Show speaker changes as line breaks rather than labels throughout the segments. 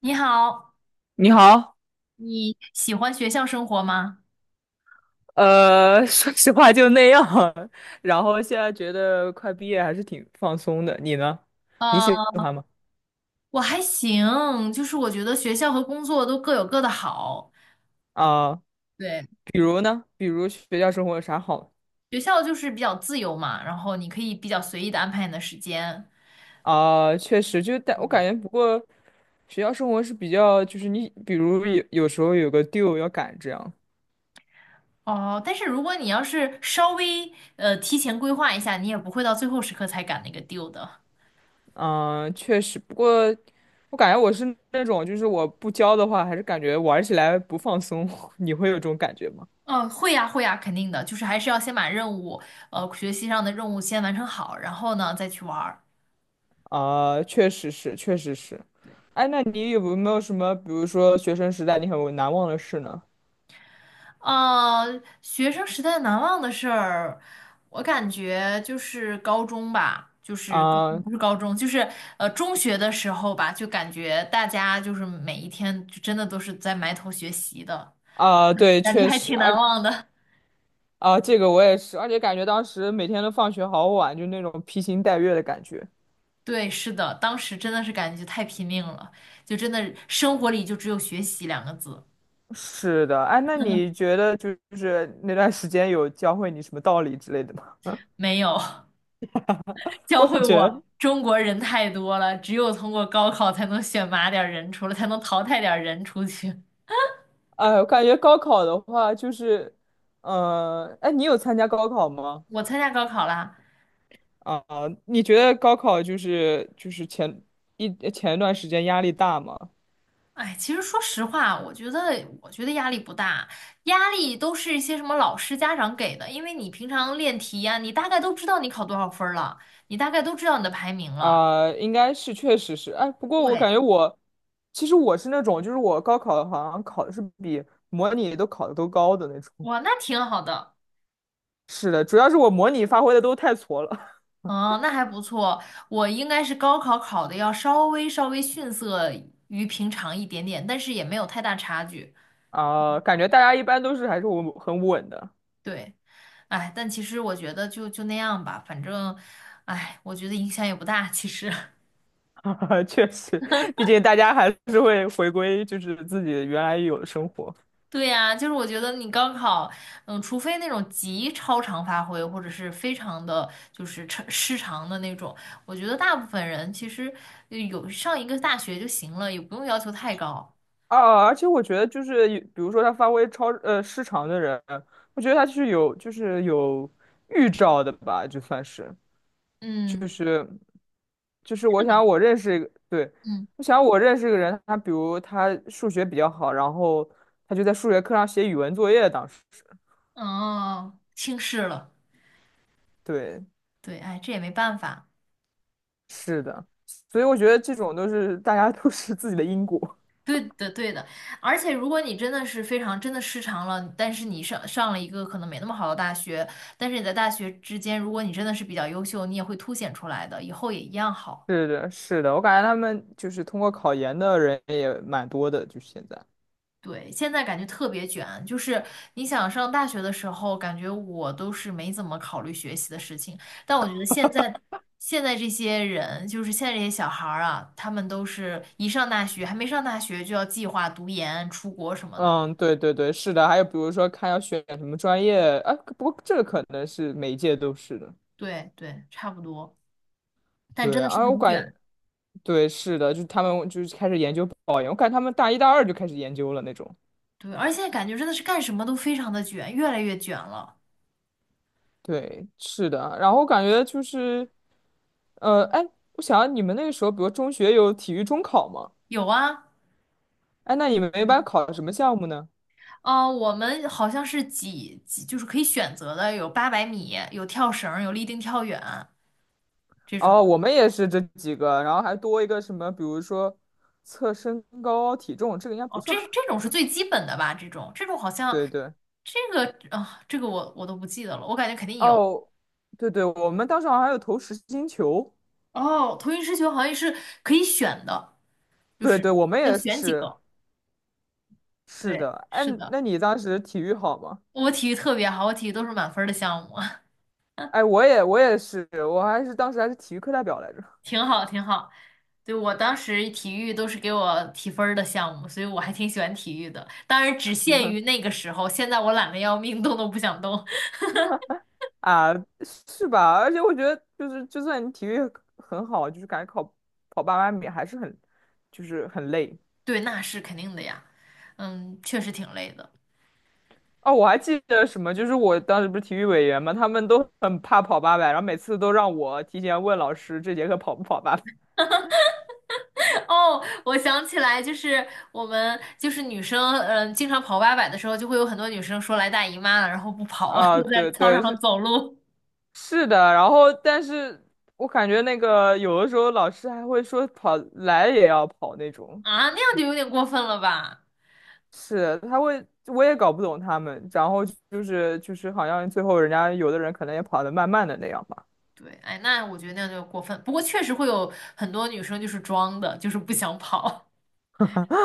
你好，
你好，
你喜欢学校生活吗？
说实话就那样，然后现在觉得快毕业还是挺放松的。你呢？你喜
呃，
欢吗？
我还行，就是我觉得学校和工作都各有各的好。
啊、
对，
比如呢？比如学校生活有啥好？
学校就是比较自由嘛，然后你可以比较随意的安排你的时间。
啊、确实就，但我感觉，不过学校生活是比较，就是你，比如有时候有个 due 要赶这样，
哦，但是如果你要是稍微提前规划一下，你也不会到最后时刻才赶那个 due 的。
嗯、确实。不过我感觉我是那种，就是我不教的话，还是感觉玩起来不放松。你会有这种感觉吗？
哦，会呀，会呀，肯定的，就是还是要先把任务，学习上的任务先完成好，然后呢再去玩儿。
啊，确实是，确实是。哎，那你有没有什么，比如说学生时代你很难忘的事呢？
呃，学生时代难忘的事儿，我感觉就是高中吧，就是
啊
不是高中，就是中学的时候吧，就感觉大家就是每一天就真的都是在埋头学习的，
啊，对，
感觉
确
还
实，
挺难
哎
忘的。
啊，这个我也是，而且感觉当时每天都放学好晚，就那种披星戴月的感觉。
对，是的，当时真的是感觉太拼命了，就真的生活里就只有学习两个字，
是的，哎，那你觉得就是那段时间有教会你什么道理之类的吗？
没有 教
我也
会
觉得，
我中国人太多了，只有通过高考才能选拔点儿人出来，才能淘汰点儿人出去。
哎，我感觉高考的话，就是，哎，你有参加高考吗？
我参加高考啦。
啊，你觉得高考就是前一段时间压力大吗？
哎，其实说实话，我觉得压力不大，压力都是一些什么老师、家长给的，因为你平常练题呀、你大概都知道你考多少分儿了，你大概都知道你的排名了。
啊，应该是确实是，哎，不过我感
对，
觉我其实我是那种，就是我高考好像考的是比模拟都考的都高的那种。
哇，那挺好的，
是的，主要是我模拟发挥的都太挫了。
哦，那还不错。我应该是高考考的要稍微逊色于平常一点点，但是也没有太大差距。
啊，感觉大家一般都是还是稳很稳的，
对，哎，但其实我觉得就那样吧，反正，哎，我觉得影响也不大，其实。
确实，毕竟大家还是会回归就是自己原来有的生活。
对呀，就是我觉得你高考，嗯，除非那种极超常发挥，或者是非常的就是超失常的那种，我觉得大部分人其实有上一个大学就行了，也不用要求太高。
啊，而且我觉得就是有比如说他发挥超失常的人，我觉得他是有就是有预兆的吧，就算是，
嗯
就是我想我认识一个，对，
嗯，
我想我认识一个人，他比如他数学比较好，然后他就在数学课上写语文作业，当时，
哦，轻视了，
对，
对，哎，这也没办法。
是的，所以
对，
我觉得这种都是大家都是自己的因果，
对的，对的，而且如果你真的是非常真的失常了，但是你上了一个可能没那么好的大学，但是你在大学之间，如果你真的是比较优秀，你也会凸显出来的，以后也一样 好。
是的，是的，我感觉他们就是通过考研的人也蛮多的，就现在。
对，现在感觉特别卷，就是你想上大学的时候，感觉我都是没怎么考虑学习的事情，但我觉得现在这些人，就是现在这些小孩儿啊，他们都是一上大学，还没上大学就要计划读研、出国什么的。
嗯，对对对，是的。还有比如说看要选什么专业，啊，不过这个可能是每一届都是的。
对对，差不多，但真
对
的是
啊，
很卷。
对是的，就是他们就是开始研究保研，我感觉他们大一大二就开始研究了那种。
对，而且现在感觉真的是干什么都非常的卷，越来越卷了。
对，是的。然后我感觉就是，哎，我想你们那个时候，比如中学有体育中考吗？
有啊，
哎，那你们一般考什么项目呢？
我们好像是几几，就是可以选择的，有800米，有跳绳，有立定跳远。这
哦，
种。
我们也是这几个，然后还多一个什么，比如说测身高体重，这个应该不
哦，这
算。
这种是最基本的吧？这种好 像
对对。
这个啊，这个我都不记得了，我感觉肯定有。
哦，对对，我们当时好像还有投实心球。
哦，投影失球好像是可以选的，就
对
是
对，我们
要
也
选几
是，
个。
是
对，
的。哎，
是的，
那你当时体育好吗？
我体育特别好，我体育都是满分儿的项目，
哎，我也是，我还是当时还是体育课代表来着。
挺好挺好。对，我当时体育都是给我提分儿的项目，所以我还挺喜欢体育的。当然只限于那个时候，现在我懒得要命，动都不想动。
啊，是吧？而且我觉得，就是就算你体育很好，就是感觉跑800米还是很，就是很累。
对，那是肯定的呀。嗯，确实挺累的。
哦，我还记得什么，就是我当时不是体育委员嘛，他们都很怕跑八百，然后每次都让我提前问老师这节课跑不跑800。
哦，我想起来，就是我们就是女生，嗯，经常跑八百的时候，就会有很多女生说来大姨妈了，然后不跑，就
啊，
在
对
操场
对，
上
是。
走路
是的，然后但是我感觉那个有的时候老师还会说跑来也要跑那种，
啊，那样就有点过分了吧？
是他会，我也搞不懂他们，然后就是好像最后人家有的人可能也跑得慢慢的那样吧，
对，哎，那我觉得那样就过分。不过确实会有很多女生就是装的，就是不想跑。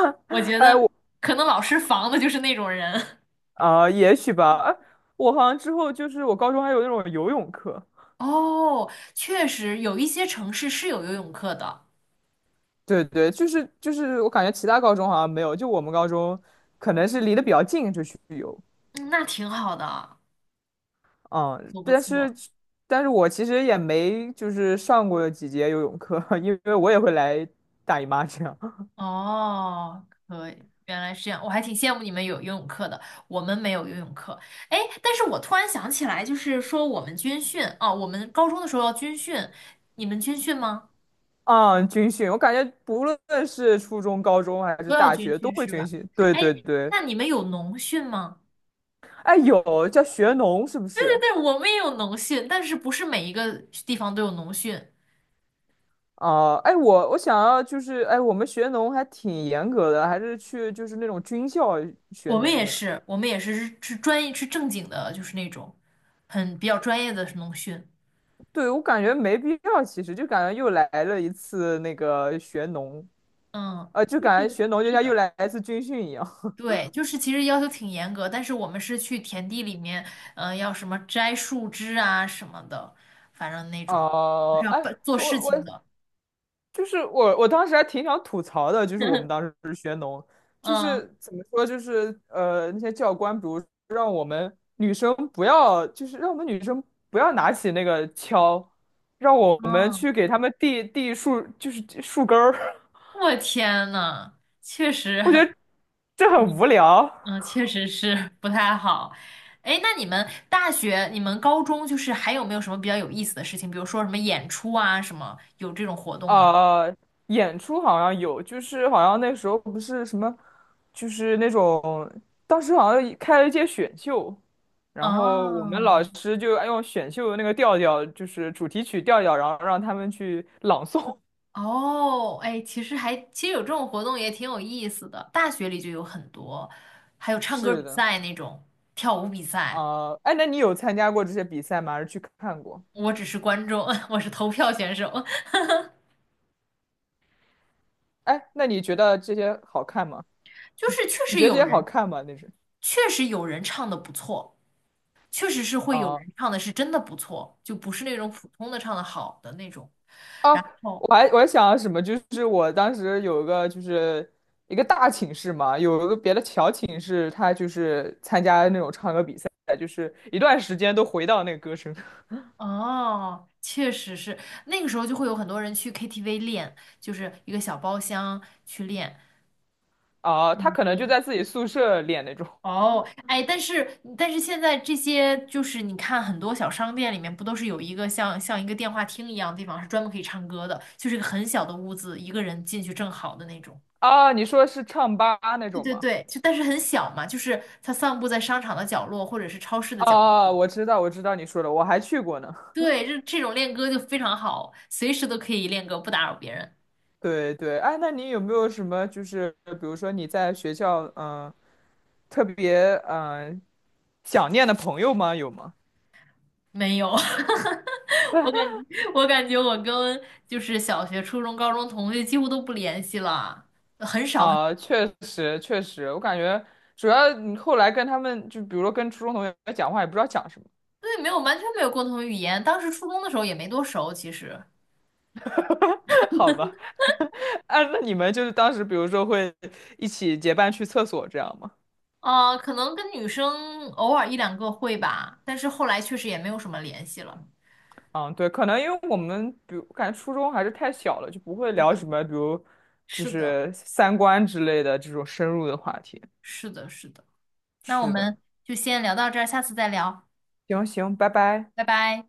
我 觉
哎
得
我
可能老师防的就是那种人。
啊、也许吧，哎我好像之后就是我高中还有那种游泳课，
哦，确实有一些城市是有游泳课的，
对对，就是我感觉其他高中好像没有，就我们高中可能是离得比较近就去游，
嗯，那挺好的，
嗯，
不错不
但是
错。
但是我其实也没就是上过几节游泳课，因为我也会来大姨妈这样。
哦，可以，原来是这样，我还挺羡慕你们有游泳课的，我们没有游泳课。哎，但是我突然想起来，就是说我们军训啊，我们高中的时候要军训，你们军训吗？
啊，军训，我感觉不论是初中、高中还是
都要
大
军
学都
训
会
是
军
吧？
训。对
哎，
对对，
那你们有农训吗？
哎，有叫学农是不
对
是？
对对，我们也有农训，但是不是每一个地方都有农训，
啊？哎，我想要就是，哎，我们学农还挺严格的，还是去就是那种军校学
我们也
农的。
是，我们也是专业是正经的，就是那种很比较专业的农训。
对，我感觉没必要，其实就感觉又来了一次那个学农，
嗯。
就感觉学农就
是
像又
的。
来一次军训一样。
对，就是其实要求挺严格，但是我们是去田地里面，嗯、要什么摘树枝啊什么的，反正那种就是
哦、
要
哎，
办做
我
事
我
情的。
就是我，我当时还挺想吐槽的，就是我们当时学农，就
嗯
是怎么说，就是那些教官，比如让我们女生不要，就是让我们女生不要拿起那个锹，让我们
嗯，
去给他们递递树，就是树根儿，
我天呐，确实，
我觉得这很无聊。
嗯，确实是 不太好。哎，那你们大学、你们高中就是还有没有什么比较有意思的事情？比如说什么演出啊，什么有这种活动吗？
呃，演出好像有，就是好像那时候不是什么，就是那种当时好像开了一届选秀，然后我们
哦，
老师就用选秀的那个调调，就是主题曲调调，然后让他们去朗诵。
哦，哎，其实有这种活动也挺有意思的，大学里就有很多，还有唱歌
是
比
的，
赛那种，跳舞比赛，
啊，哎，那你有参加过这些比赛吗？还是去看过？
我只是观众，我是投票选手，
哎，那你觉得这些好看吗？
就是确
你
实
觉得这
有
些好
人，
看吗？那是。
确实有人唱的不错，确实是会有
啊。
人唱的是真的不错，就不是那种普通的唱的好的那种。
哦，
然后
我还想什么，就是我当时有一个就是一个大寝室嘛，有一个别的小寝室，他就是参加那种唱歌比赛，一段时间都回到那个歌声。
哦，确实是那个时候就会有很多人去 KTV 练，就是一个小包厢去练。
哦，他可能就
嗯，
在自己宿舍练那种。
哦，哎，但是现在这些就是你看很多小商店里面不都是有一个像一个电话厅一样的地方是专门可以唱歌的，就是一个很小的屋子，一个人进去正好的那种。
啊，你说是唱吧那
对
种
对
吗？
对，就但是很小嘛，就是它散布在商场的角落或者是超市的角落。
哦，我知道，我知道你说的，我还去过呢。
对，这种练歌就非常好，随时都可以练歌，不打扰别人。
对对，哎，那你有没有什么就是比如说你在学校嗯、特别嗯、想念的朋友吗？有吗？
没有，我感觉我跟就是小学、初中、高中同学几乎都不联系了，很少。
啊，确实确实，我感觉主要你后来跟他们，就比如说跟初中同学讲话，也不知道讲什么，
对，没有，完全没有共同语言。当时初中的时候也没多熟，其实，
好吧？啊，那你们就是当时，比如说会一起结伴去厕所这样吗？
可能跟女生偶尔一两个会吧，但是后来确实也没有什么联系了。
嗯，对，可能因为我们，比如感觉初中还是太小了，就不会聊什么，比如就
是的，
是三观之类的这种深入的话题。
是的，是的。那我
是的，
们就先聊到这儿，下次再聊，
行行，拜拜。
拜拜。